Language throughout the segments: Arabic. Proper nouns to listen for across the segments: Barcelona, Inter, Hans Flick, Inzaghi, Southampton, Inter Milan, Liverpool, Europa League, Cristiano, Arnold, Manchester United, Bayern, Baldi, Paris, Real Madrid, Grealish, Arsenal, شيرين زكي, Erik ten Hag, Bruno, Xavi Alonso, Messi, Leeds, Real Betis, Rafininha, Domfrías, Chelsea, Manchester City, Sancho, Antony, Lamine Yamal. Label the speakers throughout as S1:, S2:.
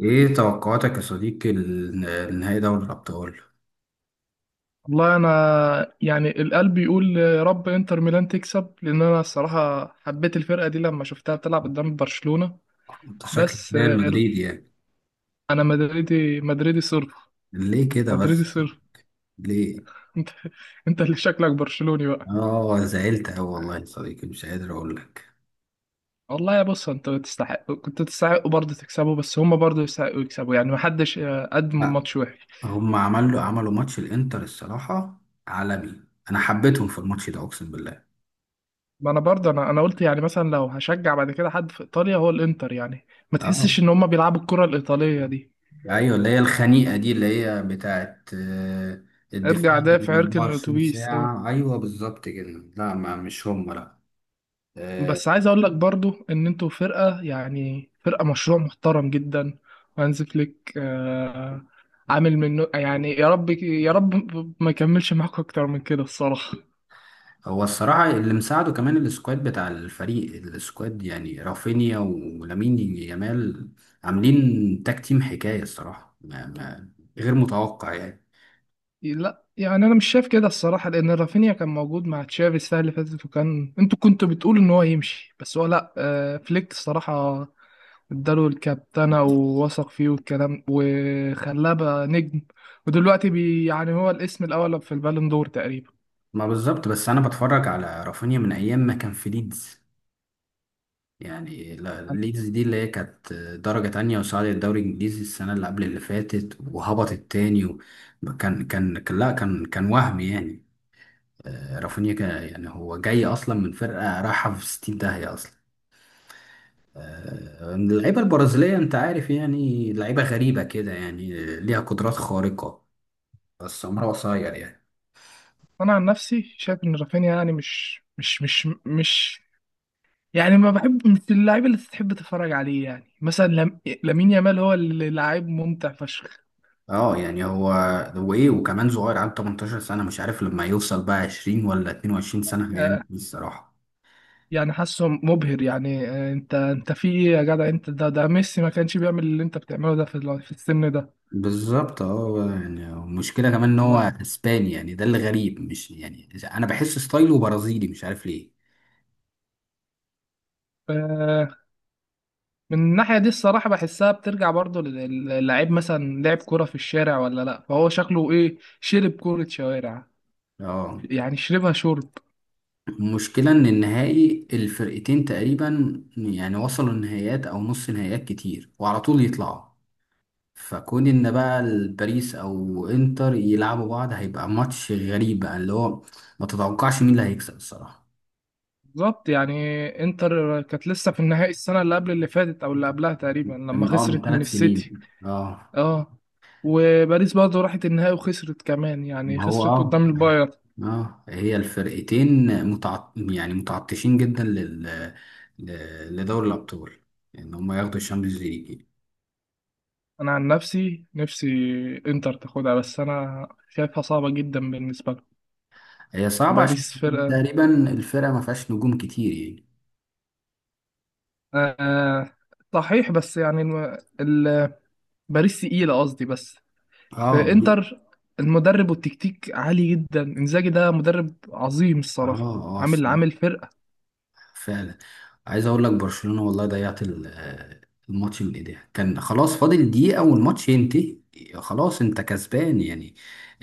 S1: ايه توقعاتك يا صديقي لنهائي دوري الابطال؟
S2: والله انا يعني القلب يقول يا رب انتر ميلان تكسب لان انا الصراحه حبيت الفرقه دي لما شفتها بتلعب قدام برشلونه.
S1: انت شكلك
S2: بس
S1: ده المدريد يعني.
S2: انا مدريدي مدريدي صرف.
S1: ليه كده
S2: مدريدي
S1: بس؟
S2: صرف.
S1: ليه؟
S2: انت انت اللي شكلك برشلوني بقى.
S1: اه، زعلت اوي والله يا صديقي، مش قادر اقول لك.
S2: والله يا بص انت تستحق، كنت تستحقوا برضه تكسبوا، بس هم برضه يستحقوا يكسبوا، يعني محدش قدم
S1: لا،
S2: ماتش وحش.
S1: هم عملوا ماتش، الانتر الصراحه عالمي. انا حبيتهم في الماتش ده، اقسم بالله.
S2: ما انا برضه انا قلت يعني مثلا لو هشجع بعد كده حد في ايطاليا هو الانتر، يعني ما تحسش
S1: اه،
S2: ان هم بيلعبوا الكره الايطاليه دي.
S1: ايوه، اللي هي الخنيقه دي اللي هي بتاعت
S2: ارجع
S1: الدفاع من
S2: دافع اركن
S1: 24
S2: الاتوبيس. اه،
S1: ساعه، ايوه بالظبط كده. لا، ما مش هم، لا.
S2: بس عايز اقول لك برضو ان انتوا فرقه، يعني فرقه مشروع محترم جدا. وهانز فليك آه عامل منه يعني، يا رب يا رب ما يكملش معاكم اكتر من كده الصراحه.
S1: هو الصراحة اللي مساعده كمان السكواد بتاع الفريق، السكواد يعني رافينيا ولامين يامال، عاملين تاك تيم حكاية الصراحة. ما غير متوقع يعني.
S2: لا يعني انا مش شايف كده الصراحه، لان رافينيا كان موجود مع تشافي السنه اللي فاتت، وكان انتوا كنتوا بتقولوا ان هو يمشي، بس هو لا، آه فليك الصراحه اداله الكابتنه ووثق فيه والكلام وخلاه بقى نجم. ودلوقتي بي يعني هو الاسم الاول في البالون دور تقريبا.
S1: ما بالظبط. بس أنا بتفرج على رافينيا من أيام ما كان في ليدز. يعني ليدز دي اللي هي كانت درجة تانية، وصعدت الدوري الإنجليزي السنة اللي قبل اللي فاتت، وهبطت تاني لا، كان وهم يعني. رافينيا يعني هو جاي أصلا من فرقة رايحة في 60 داهية أصلا. اللعيبة البرازيلية، انت عارف يعني، لعيبة غريبة كده يعني، ليها قدرات خارقة بس عمرها قصير يعني.
S2: انا عن نفسي شايف ان رافينيا يعني مش يعني ما بحب، مش اللاعب اللي تحب تتفرج عليه، يعني مثلا لم... لامين يامال هو اللي لاعب ممتع فشخ.
S1: اه يعني هو ايه، وكمان صغير، عنده 18 سنة. مش عارف لما يوصل بقى 20 ولا 22 سنة هيعمل
S2: آه،
S1: ايه الصراحة.
S2: يعني حاسه مبهر يعني، انت في ايه يا جدع انت؟ ده ميسي ما كانش بيعمل اللي انت بتعمله ده في في السن ده.
S1: بالظبط. اه يعني المشكلة كمان ان هو
S2: لا.
S1: اسباني، يعني ده اللي غريب مش يعني. انا بحس ستايله برازيلي، مش عارف ليه.
S2: آه، من الناحية دي الصراحة بحسها بترجع برضو للاعب، مثلا لعب كرة في الشارع ولا لا، فهو شكله ايه، شرب كرة شوارع
S1: اه،
S2: يعني، شربها شرب.
S1: المشكلة ان النهائي الفرقتين تقريبا يعني وصلوا النهائيات او نص نهائيات كتير وعلى طول يطلعوا، فكون ان بقى الباريس او انتر يلعبوا بعض هيبقى ماتش غريب بقى، اللي هو ما تتوقعش مين اللي هيكسب الصراحة.
S2: بالظبط يعني. انتر كانت لسه في النهائي السنة اللي قبل اللي فاتت او اللي قبلها تقريبا، لما
S1: من اه،
S2: خسرت من
S1: ثلاث
S2: السيتي.
S1: سنين اه.
S2: اه، وباريس برضه راحت النهائي وخسرت كمان، يعني
S1: ما هو
S2: خسرت
S1: اه.
S2: قدام البايرن.
S1: اه، هي الفرقتين يعني متعطشين جدا لدوري الابطال، ان هم ياخدوا الشامبيونز ليج.
S2: انا عن نفسي انتر تاخدها، بس انا شايفها صعبة جدا بالنسبة لهم.
S1: هي صعبة عشان
S2: باريس فرقة.
S1: تقريبا الفرقة ما فيهاش نجوم كتير يعني.
S2: آه آه، صحيح، بس يعني باريس تقيلة قصدي. بس
S1: اه
S2: في
S1: دي.
S2: انتر المدرب والتكتيك عالي جدا. انزاجي ده مدرب عظيم
S1: اه،
S2: الصراحة،
S1: اه
S2: عامل
S1: الصراحة،
S2: عامل فرقة.
S1: فعلا. عايز اقول لك برشلونة والله ضيعت الماتش من ايديها. كان خلاص فاضل دقيقة والماتش ينتهي، خلاص انت كسبان يعني،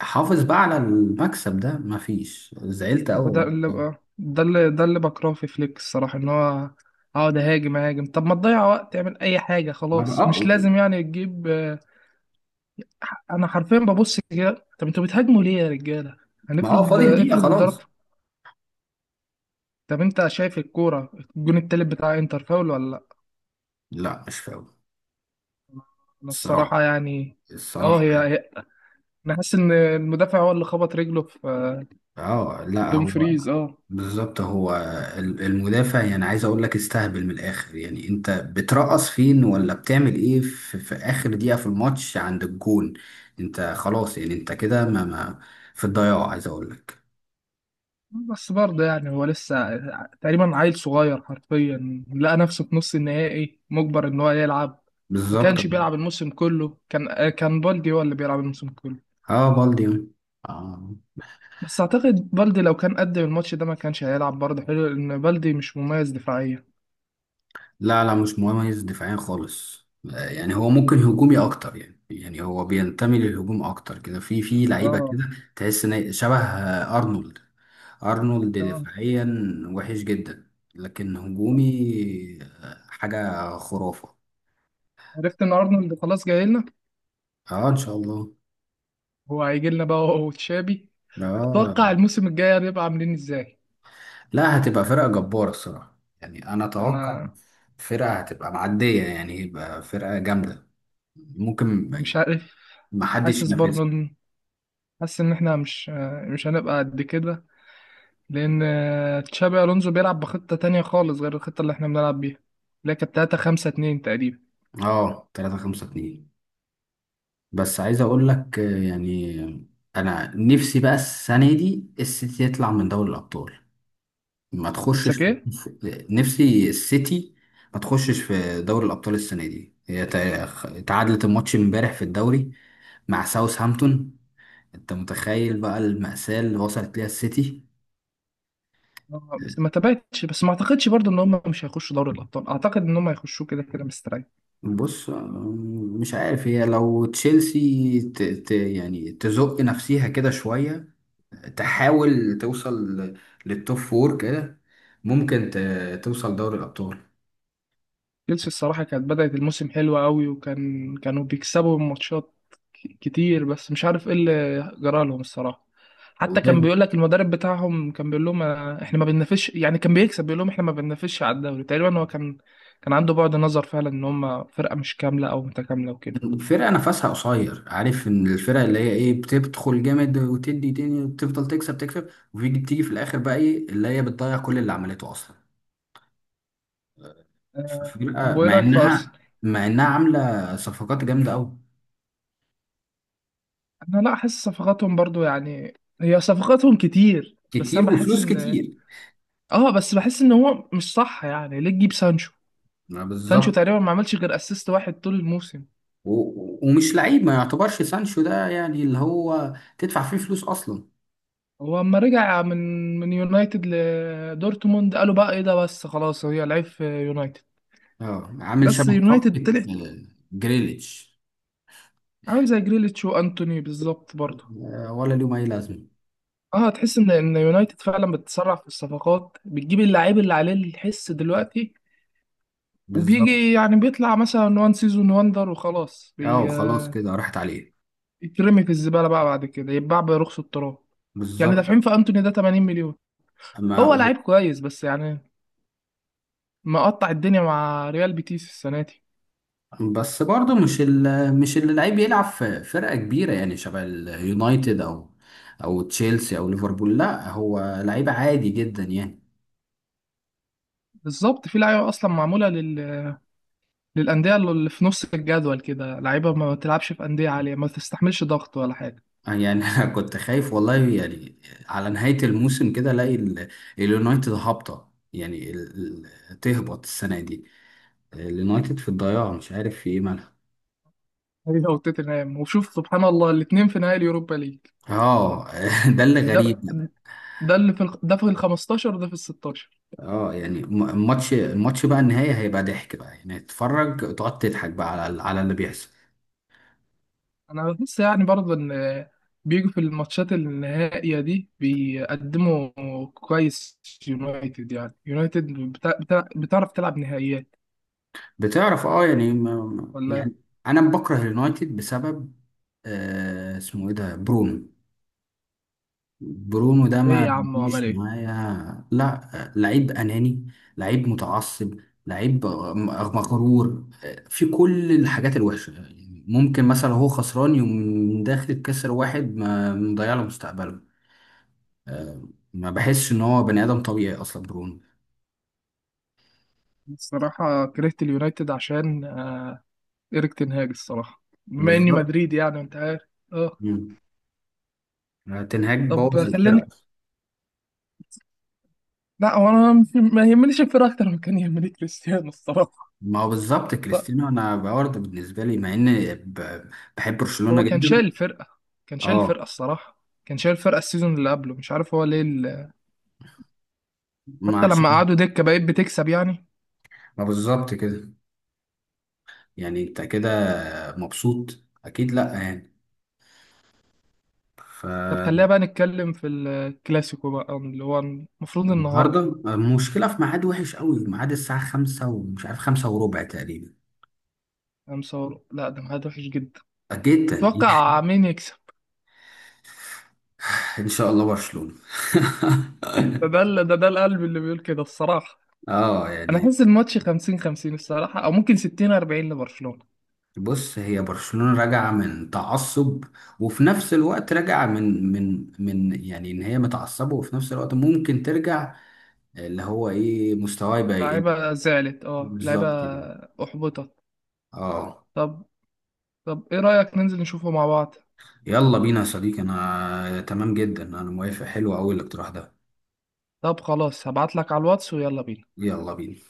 S1: حافظ بقى على المكسب ده. مفيش، زعلت قوي
S2: هو ده اللي
S1: والله.
S2: آه، ده اللي بكرهه في فليك الصراحة، ان هو اقعد اهاجم. طب ما تضيع وقت، اعمل اي حاجة،
S1: ما بقى
S2: خلاص مش لازم يعني تجيب انا حرفيا ببص كده، طب انتوا بتهاجموا ليه يا رجالة؟
S1: ما اه،
S2: هنفرض
S1: فاضل دقيقة
S2: افرض
S1: خلاص.
S2: اتضربت. طب انت شايف الكورة، الجون التالت بتاع انتر فاول ولا لا؟
S1: لا مش فاول.
S2: انا الصراحة
S1: الصراحة
S2: يعني. اه،
S1: الصراحة يعني.
S2: انا حاسس ان المدافع هو اللي خبط رجله في
S1: اه
S2: في
S1: لا هو،
S2: دومفريز. اه،
S1: بالظبط هو. المدافع يعني، عايز اقول لك استهبل من الاخر. يعني انت بترقص فين ولا بتعمل ايه في, اخر دقيقة في الماتش عند الجون؟ انت خلاص يعني، انت كده، ما, في الضياع عايز اقول لك.
S2: بس برضه يعني هو لسه تقريبا عيل صغير حرفيا، لقى نفسه في نص النهائي مجبر ان هو يلعب. ما
S1: بالظبط.
S2: كانش بيلعب الموسم كله، كان بالدي هو اللي بيلعب الموسم كله.
S1: اه، بالدي. آه.
S2: بس اعتقد بالدي لو كان قدم الماتش ده ما كانش هيلعب برضه حلو، لان بالدي مش مميز دفاعيا.
S1: لا لا، مش مميز دفاعيا خالص. يعني هو ممكن هجومي اكتر يعني هو بينتمي للهجوم اكتر كده، في لعيبة
S2: اه.
S1: كده. تحس ان شبه ارنولد. ارنولد
S2: آه.
S1: دفاعيا وحش جدا، لكن هجومي حاجة خرافة.
S2: عرفت ان ارنولد خلاص جاي لنا؟
S1: اه، ان شاء الله.
S2: هو هيجي لنا بقى هو وتشابي. تتوقع
S1: اه
S2: الموسم الجاي هنبقى عاملين ازاي؟
S1: لا، هتبقى فرقة جبارة الصراحة، يعني انا اتوقع
S2: انا
S1: فرقة هتبقى معدية يعني، يبقى فرقة جامدة ممكن
S2: انا مش
S1: يعني
S2: عارف.
S1: محدش
S2: حاسس برضه
S1: ينافسها.
S2: ان، حاسس ان احنا مش مش هنبقى قد كده. لأن تشابي ألونزو بيلعب بخطة تانية خالص غير الخطة اللي احنا بنلعب بيها، اللي هي كانت 3 5 2 تقريبا.
S1: اه، 3 5 2. بس عايز اقول لك يعني انا نفسي بقى السنة دي السيتي يطلع من دوري الابطال، ما تخشش.
S2: نفسك ايه؟
S1: نفسي السيتي ما تخشش في دوري الأبطال السنة دي. هي تعادلت الماتش امبارح في الدوري مع ساوثهامبتون. انت متخيل بقى المأساة اللي وصلت ليها السيتي؟
S2: بس ما تبعتش، بس ما اعتقدش برضو ان هم مش هيخشوا دوري الابطال، اعتقد ان هم هيخشوا كده كده مستريح.
S1: بص، مش عارف. هي لو تشيلسي يعني تزق نفسيها كده شوية، تحاول توصل للتوب فور كده، ممكن توصل دوري الأبطال.
S2: تشيلسي الصراحة كانت بدأت الموسم حلوة قوي، وكان كانوا بيكسبوا ماتشات كتير، بس مش عارف ايه اللي جرى لهم الصراحة. حتى كان
S1: والله
S2: بيقول لك المدرب بتاعهم، كان بيقول لهم احنا ما بننافسش، يعني كان بيكسب بيقول لهم احنا ما بننافسش على الدوري. تقريبا هو كان كان عنده بعد نظر فعلا ان هم فرقة مش كاملة او متكاملة وكده.
S1: فرقة نفسها قصير. عارف ان الفرق اللي هي ايه، بتدخل جامد وتدي تاني وتفضل تكسب تكسب، وبيجي بتيجي في الاخر بقى ايه اللي هي بتضيع كل اللي عملته اصلا.
S2: طب
S1: فرقة
S2: وايه
S1: مع
S2: رأيك في
S1: انها،
S2: ارسنال؟
S1: عاملة صفقات جامدة قوي،
S2: انا لا احس صفقاتهم برضو يعني، هي صفقاتهم كتير بس
S1: كتير
S2: انا بحس
S1: وفلوس
S2: ان،
S1: كتير.
S2: اه بس بحس ان هو مش صح. يعني ليه تجيب سانشو؟
S1: ما
S2: سانشو
S1: بالظبط.
S2: تقريبا ما عملش غير اسيست واحد طول الموسم.
S1: ومش لعيب، ما يعتبرش سانشو ده يعني اللي هو تدفع فيه فلوس اصلا.
S2: هو اما رجع من من يونايتد لدورتموند قالوا بقى ايه ده، بس خلاص هي لعيب في يونايتد.
S1: اه، عامل
S2: بس
S1: شبه
S2: يونايتد
S1: صفقة
S2: طلعت
S1: جريليتش.
S2: عامل زي جريليتش وانتوني بالظبط برضه.
S1: ولا ليهم اي لازمة.
S2: اه، تحس ان يونايتد فعلا بتسرع في الصفقات، بتجيب اللعيب اللي عليه الحس دلوقتي،
S1: بالظبط.
S2: وبيجي يعني بيطلع مثلا وان سيزون واندر وخلاص
S1: اه خلاص كده راحت عليه.
S2: بيترمي في الزبالة بقى بعد كده، يتباع برخص التراب. يعني
S1: بالظبط.
S2: دافعين في انتوني ده 80 مليون.
S1: ما
S2: هو لعيب كويس بس يعني مقطع الدنيا مع ريال بيتيس السنه دي.
S1: بس برضه مش مش اللي لعيب يلعب في فرقة كبيرة يعني شبه اليونايتد او او تشيلسي او ليفربول، لا هو لعيب عادي جدا يعني.
S2: بالظبط، في لعيبه اصلا معموله للانديه اللي في نص الجدول كده، لعيبه ما تلعبش في انديه عاليه، ما تستحملش ضغط ولا حاجه.
S1: يعني انا كنت خايف والله يعني، على نهاية الموسم كده الاقي اليونايتد هابطة يعني تهبط السنة دي. اليونايتد في الضياع، مش عارف في ايه مالها.
S2: هي وتوتنهام، وشوف سبحان الله الاثنين في نهائي اليوروبا ليج،
S1: اه ده اللي
S2: يعني
S1: غريب.
S2: ده، ده اللي في ده في ال 15 وده في ال 16.
S1: اه يعني الماتش بقى النهاية هيبقى ضحك بقى، يعني تتفرج تقعد تضحك بقى على اللي بيحصل.
S2: انا بحس يعني برضه ان بيجوا في الماتشات النهائية دي بيقدموا كويس. يونايتد، بتعرف تلعب نهائيات
S1: بتعرف اه، يعني
S2: ولا؟
S1: يعني انا بكره اليونايتد بسبب آه، اسمه ايه ده، برونو. برونو ده
S2: ايه
S1: ما
S2: يا عم وعمل
S1: بيجيش
S2: ايه؟
S1: معايا. لا، لعيب اناني، لعيب متعصب، لعيب مغرور، في كل الحاجات الوحشه يعني. ممكن مثلا هو خسران يوم داخل كسر واحد، ما مضيع له مستقبله. آه، ما بحسش ان هو بني ادم طبيعي اصلا برونو.
S2: الصراحة كرهت اليونايتد عشان إيريك تنهاج الصراحة، بما إني
S1: بالظبط.
S2: مدريدي يعني أنت عارف. أه.
S1: مم. تنهاج
S2: طب
S1: بوظ
S2: خليني،
S1: الفرقه.
S2: لا هو أنا مش- ما يهمنيش الفرقة، أكتر من كان يهمني كريستيانو الصراحة.
S1: ما هو بالظبط،
S2: لا،
S1: كريستيانو انا برضه بالنسبه لي، مع ان بحب برشلونه
S2: هو كان
S1: جدا.
S2: شايل الفرقة، كان شايل
S1: اه.
S2: الفرقة الصراحة، كان شايل الفرقة السيزون اللي قبله، مش عارف هو ليه
S1: ما
S2: حتى لما
S1: عشان،
S2: قعدوا دكة بقيت بتكسب يعني.
S1: ما بالظبط كده. يعني انت كده مبسوط اكيد، لا يعني
S2: طب خلينا
S1: فالنهارده.
S2: بقى نتكلم في الكلاسيكو بقى اللي هو المفروض النهاردة.
S1: المشكله في ميعاد وحش قوي، ميعاد الساعه 5 ومش عارف 5:15 تقريبا،
S2: خمسة وربع. لا ده ميعاد وحش جدا.
S1: جدا.
S2: تتوقع مين يكسب؟
S1: ان شاء الله برشلونه.
S2: ده ده ده ده القلب اللي بيقول كده الصراحة.
S1: اه
S2: انا
S1: يعني.
S2: احس الماتش 50 50 الصراحه، او ممكن 60 40 لبرشلونه.
S1: بص، هي برشلونة راجعة من تعصب، وفي نفس الوقت راجعة من يعني ان هي متعصبة، وفي نفس الوقت ممكن ترجع اللي هو ايه، مستواه يبقى يقل.
S2: لعيبه زعلت، اه لعيبه
S1: بالظبط كده.
S2: احبطت.
S1: اه.
S2: طب، طب ايه رايك ننزل نشوفه مع بعض؟
S1: يلا بينا يا صديقي، انا تمام جدا، انا موافق، حلو قوي الاقتراح ده.
S2: طب خلاص هبعت لك على الواتس ويلا بينا.
S1: يلا بينا.